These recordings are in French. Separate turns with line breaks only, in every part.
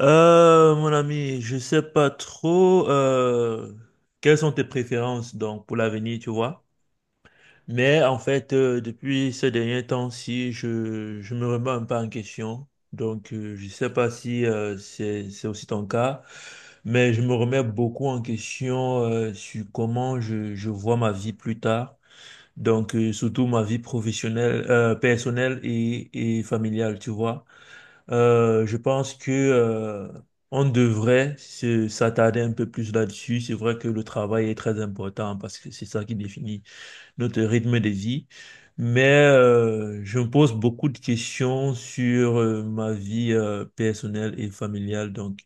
Mon ami, je sais pas trop quelles sont tes préférences donc pour l'avenir, tu vois. Mais en fait, depuis ces derniers temps-ci, je me remets un peu en question. Donc, je sais pas si c'est aussi ton cas, mais je me remets beaucoup en question sur comment je vois ma vie plus tard. Donc, surtout ma vie professionnelle, personnelle et familiale, tu vois. Je pense que on devrait s'attarder un peu plus là-dessus. C'est vrai que le travail est très important parce que c'est ça qui définit notre rythme de vie. Mais je me pose beaucoup de questions sur ma vie personnelle et familiale. Donc,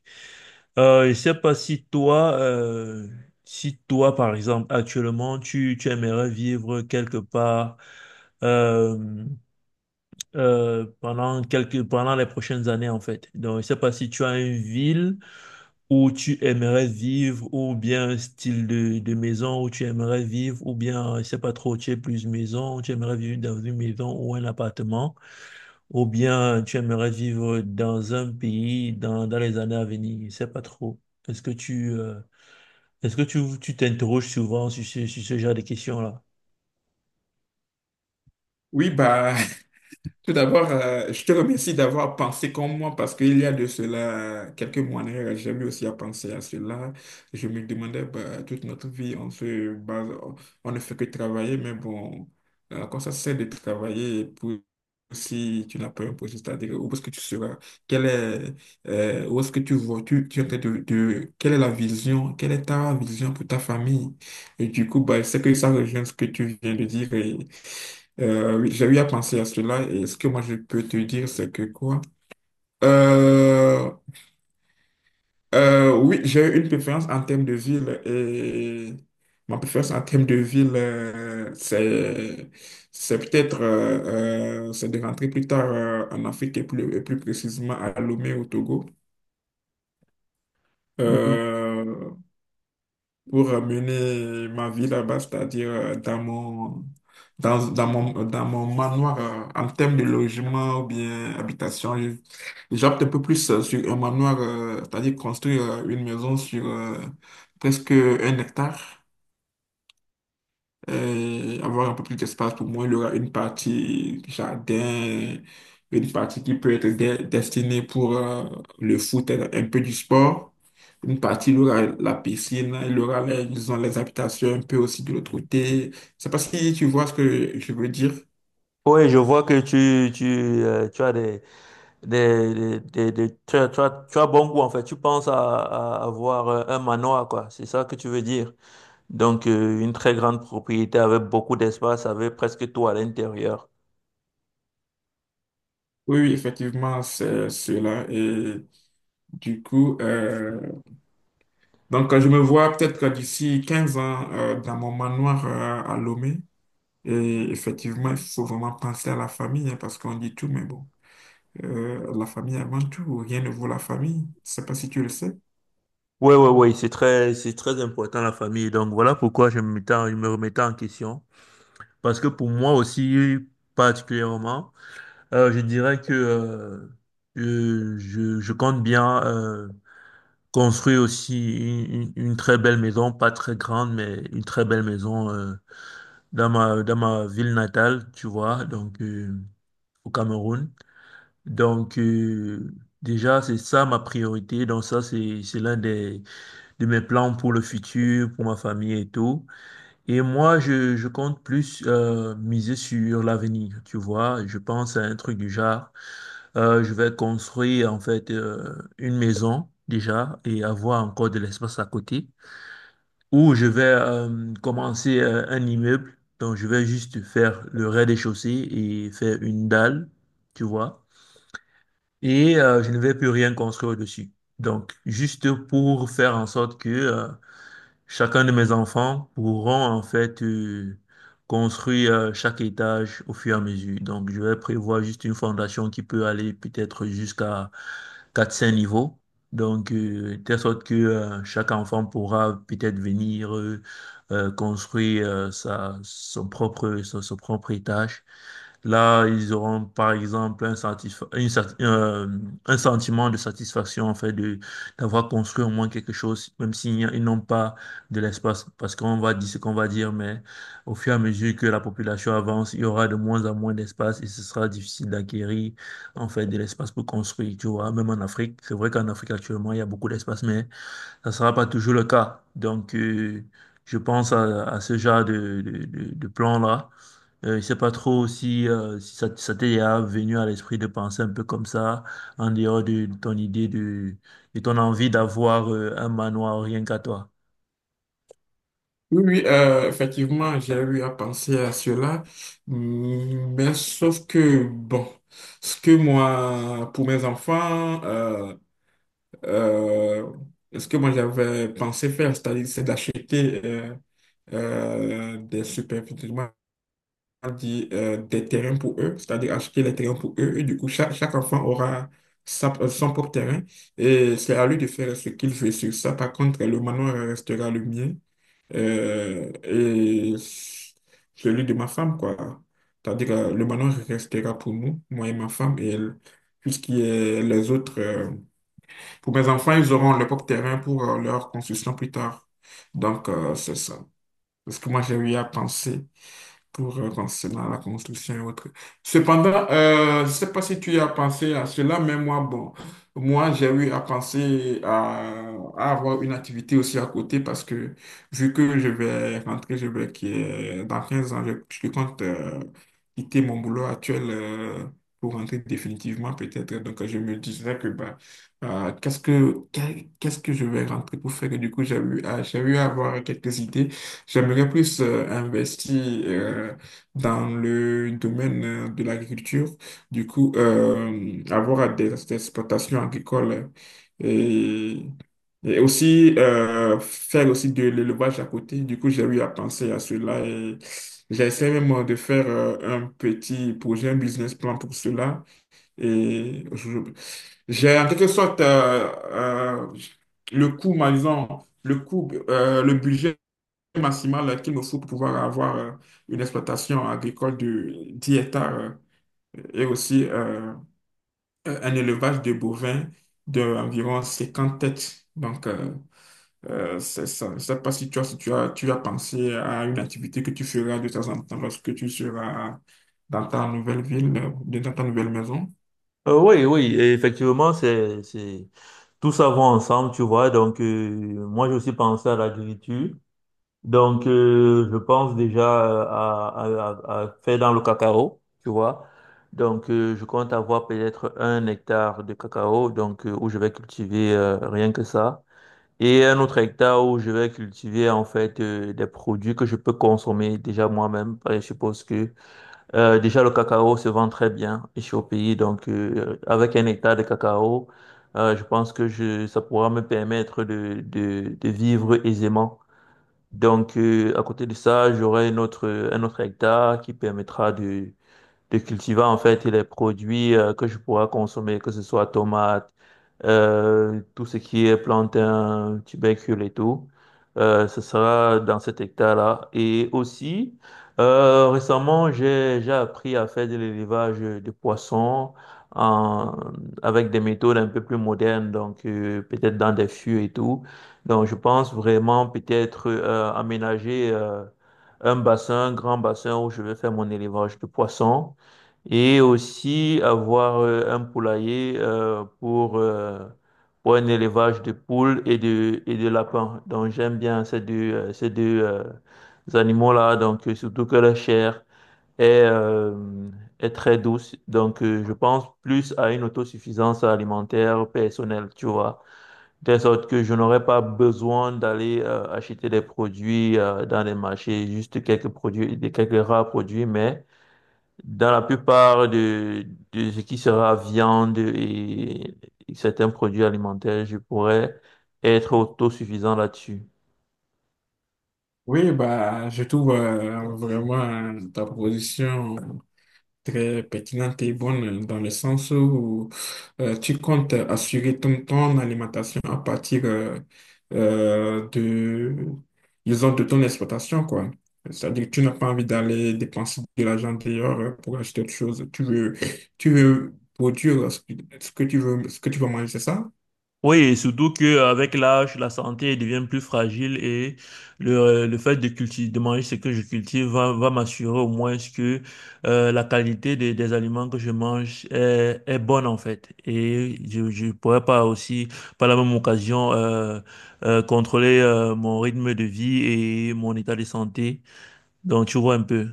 je sais pas si toi, si toi, par exemple, actuellement, tu aimerais vivre quelque part. Euh, Pendant les prochaines années, en fait. Donc, je ne sais pas si tu as une ville où tu aimerais vivre, ou bien un style de maison où tu aimerais vivre, ou bien, je ne sais pas trop, tu es plus maison, tu aimerais vivre dans une maison ou un appartement, ou bien tu aimerais vivre dans un pays dans les années à venir. Je ne sais pas trop. Est-ce que tu, euh, Est-ce que tu t'interroges souvent sur sur ce genre de questions-là?
Oui, bah, tout d'abord, je te remercie d'avoir pensé comme moi parce qu'il y a de cela quelques mois, en arrière, j'ai eu aussi à penser à cela. Je me demandais, bah, toute notre vie, on se base, on ne fait que travailler, mais bon, quand ça sert de travailler pour si tu n'as pas un projet, c'est-à-dire où est-ce que tu seras, quel est, où est-ce que tu vois, tu es en train quelle est la vision, quelle est ta vision pour ta famille? Et du coup, bah, c'est que ça rejoint ce que tu viens de dire. Et oui, j'ai eu à penser à cela et ce que moi je peux te dire, c'est que quoi? Euh, oui, j'ai eu une préférence en termes de ville et ma préférence en termes de ville, c'est peut-être c'est de rentrer plus tard en Afrique et plus précisément à Lomé au Togo. Euh, pour ramener ma vie là-bas, c'est-à-dire dans mon manoir, en termes de logement ou bien habitation, j'opte un peu plus sur un manoir, c'est-à-dire construire une maison sur presque 1 hectare avoir un peu plus d'espace pour moi. Il y aura une partie jardin, une partie qui peut être destinée pour le foot, et un peu du sport. Une partie, il y aura la piscine, il y aura les, disons, les habitations un peu aussi de l'autre côté. C'est parce que tu vois ce que je veux dire.
Oui, je vois que tu, tu as des- tu as, tu as- tu as bon goût en fait. Tu penses à avoir un manoir, quoi. C'est ça que tu veux dire. Donc, une très grande propriété avec beaucoup d'espace, avec presque tout à l'intérieur.
Oui, oui, effectivement, c'est cela. Et du coup, donc je me vois peut-être que d'ici 15 ans dans mon manoir à Lomé. Et effectivement, il faut vraiment penser à la famille, hein, parce qu'on dit tout, mais bon, la famille avant tout, rien ne vaut la famille. Je ne sais pas si tu le sais.
Oui, oui, oui, c'est très important la famille. Donc, voilà pourquoi je me je me remettais en question. Parce que pour moi aussi, particulièrement, je dirais que je compte bien construit aussi une très belle maison, pas très grande, mais une très belle maison dans ma ville natale, tu vois, donc au Cameroun. Donc déjà, c'est ça ma priorité. Donc ça, c'est l'un de mes plans pour le futur, pour ma famille et tout. Et moi, je compte plus miser sur l'avenir, tu vois. Je pense à un truc du genre. Je vais construire en fait une maison déjà et avoir encore de l'espace à côté. Ou je vais commencer un immeuble. Donc, je vais juste faire le rez-de-chaussée et faire une dalle, tu vois. Et je ne vais plus rien construire dessus. Donc, juste pour faire en sorte que chacun de mes enfants pourront en fait construire chaque étage au fur et à mesure. Donc, je vais prévoir juste une fondation qui peut aller peut-être jusqu'à quatre cinq niveaux. Donc, de telle sorte que chaque enfant pourra peut-être venir construire sa, son propre, son, son propre étage. Là, ils auront par exemple un sentiment de satisfaction en fait de d'avoir construit au moins quelque chose, même ils n'ont pas de l'espace parce qu'on va dire ce qu'on va dire, mais au fur et à mesure que la population avance, il y aura de moins en moins d'espace et ce sera difficile d'acquérir en fait de l'espace pour construire, tu vois, même en Afrique. C'est vrai qu'en Afrique actuellement, il y a beaucoup d'espace, mais ça ne sera pas toujours le cas. Donc, je pense à ce genre de plan-là. Je ne sais pas trop si, si ça, ça t'est déjà venu à l'esprit de penser un peu comme ça, en dehors de ton idée de ton envie d'avoir un manoir rien qu'à toi.
Oui, oui, effectivement, j'ai eu à penser à cela, mais sauf que, bon, ce que moi, pour mes enfants, euh, ce que moi j'avais pensé faire, c'est-à-dire c'est d'acheter euh, des super des terrains pour eux, c'est-à-dire acheter les terrains pour eux. Et du coup, chaque enfant aura son propre terrain et c'est à lui de faire ce qu'il veut sur ça. Par contre, le manoir restera le mien et celui de ma femme, quoi. C'est-à-dire, le manoir restera pour nous, moi et ma femme, et tout ce qui est les autres. Pour mes enfants, ils auront leur propre terrain pour leur construction plus tard. Donc, c'est ça. C'est ce que moi j'ai eu à penser pour concernant la construction et autres. Cependant, je ne sais pas si tu as pensé à cela, mais moi, bon, moi, j'ai eu à penser à avoir une activité aussi à côté parce que vu que je vais rentrer, je vais qui est- dans 15 ans, je compte quitter mon boulot actuel pour rentrer définitivement peut-être. Donc, je me disais que bah, qu'est-ce que je vais rentrer pour faire? Et du coup, j'ai eu à avoir quelques idées. J'aimerais plus investir euh, dans le domaine de l'agriculture, du coup, avoir des exploitations agricoles et, et aussi faire aussi de l'élevage à côté. Du coup, j'ai eu à penser à cela et j'essaie même de faire un petit projet, un business plan pour cela. Et j'ai en quelque sorte le coût, par exemple, le coût, le budget maximale qu'il nous faut pour pouvoir avoir une exploitation agricole de 10 hectares et aussi un élevage de bovins d'environ 50 têtes. Donc, c'est ça. Je ne sais pas si tu as, si tu as, tu as pensé à une activité que tu feras de temps en temps lorsque tu seras dans ta nouvelle ville, dans ta nouvelle maison.
Oui, oui, et effectivement, c'est tout ça va ensemble, tu vois. Donc, moi, j'ai aussi pensé à l'agriculture. Donc, je pense déjà à faire dans le cacao, tu vois. Donc, je compte avoir peut-être un hectare de cacao, donc, où je vais cultiver rien que ça. Et un autre hectare où je vais cultiver, en fait, des produits que je peux consommer déjà moi-même. Je suppose que déjà, le cacao se vend très bien ici au pays. Donc, avec un hectare de cacao, je pense que ça pourra me permettre de vivre aisément. Donc, à côté de ça, j'aurai un autre hectare qui permettra de cultiver en fait les produits que je pourrais consommer, que ce soit tomates, tout ce qui est plantain, tubercule et tout. Ce sera dans cet hectare-là. Et aussi, récemment, j'ai appris à faire de l'élevage de poissons en, avec des méthodes un peu plus modernes, donc peut-être dans des fûts et tout. Donc, je pense vraiment peut-être aménager un bassin, un grand bassin où je vais faire mon élevage de poissons et aussi avoir un poulailler pour un élevage de poules et de lapins. Donc j'aime bien ces deux animaux-là, donc surtout que la chair est, euh, est très douce. Donc je pense plus à une autosuffisance alimentaire personnelle, tu vois. De sorte que je n'aurais pas besoin d'aller acheter des produits dans les marchés, juste quelques produits, des quelques rares produits, mais dans la plupart de ce qui sera viande et certains produits alimentaires, je pourrais être autosuffisant là-dessus.
Oui, bah, je trouve vraiment ta position très pertinente et bonne dans le sens où tu comptes assurer ton alimentation à partir de, disons, de ton exploitation, quoi. C'est-à-dire que tu n'as pas envie d'aller dépenser de l'argent dehors pour acheter autre chose. Tu veux produire ce que tu veux, ce que tu veux manger, c'est ça?
Oui, et surtout que avec l'âge, la santé devient plus fragile et le fait de cultiver, de manger ce que je cultive va m'assurer au moins que la qualité des aliments que je mange est bonne en fait. Et je pourrais pas aussi, par la même occasion, contrôler mon rythme de vie et mon état de santé. Donc, tu vois un peu.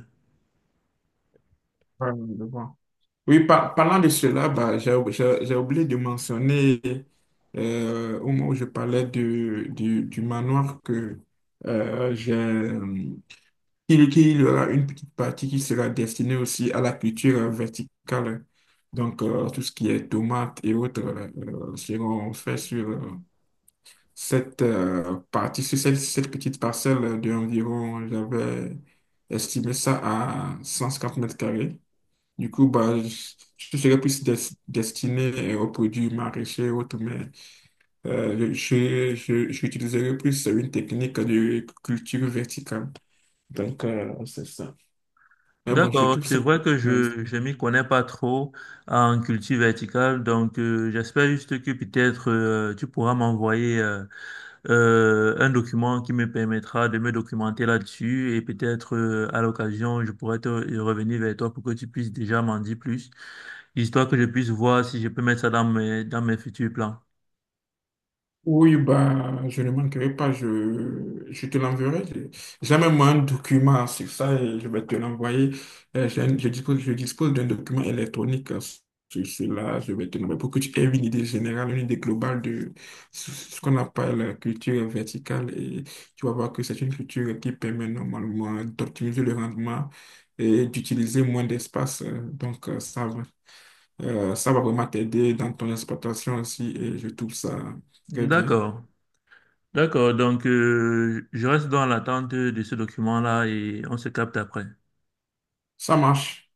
Ouais, je vois. Oui, parlant de cela, bah, j'ai oublié de mentionner au moment où je parlais du manoir que j'ai. Qu'il qu'il y aura une petite partie qui sera destinée aussi à la culture verticale. Donc, tout ce qui est tomates et autres seront faits sur cette partie, sur cette petite parcelle d'environ, j'avais estimé ça à 150 mètres carrés. Du coup, bah, je serais plus destiné aux produits maraîchers et autres, mais j'utiliserai plus une technique de culture verticale. Donc, c'est ça. Mais bon, je
D'accord,
trouve
c'est
ça
vrai que
nice.
je m'y connais pas trop en culture verticale, donc j'espère juste que peut-être tu pourras m'envoyer un document qui me permettra de me documenter là-dessus et peut-être à l'occasion je pourrais te revenir vers toi pour que tu puisses déjà m'en dire plus, histoire que je puisse voir si je peux mettre ça dans mes futurs plans.
Oui, bah, je ne manquerai pas, je te l'enverrai. J'ai même un document sur ça et je vais te l'envoyer. Je dispose, d'un document électronique sur cela. Je vais te l'envoyer pour que tu aies une idée générale, une idée globale de ce qu'on appelle la culture verticale. Et tu vas voir que c'est une culture qui permet normalement d'optimiser le rendement et d'utiliser moins d'espace. Donc, ça va. Ça va vraiment t'aider dans ton exploitation aussi et je trouve ça très bien.
D'accord, d'accord, donc je reste dans l'attente de ce document-là et on se capte après.
Ça marche.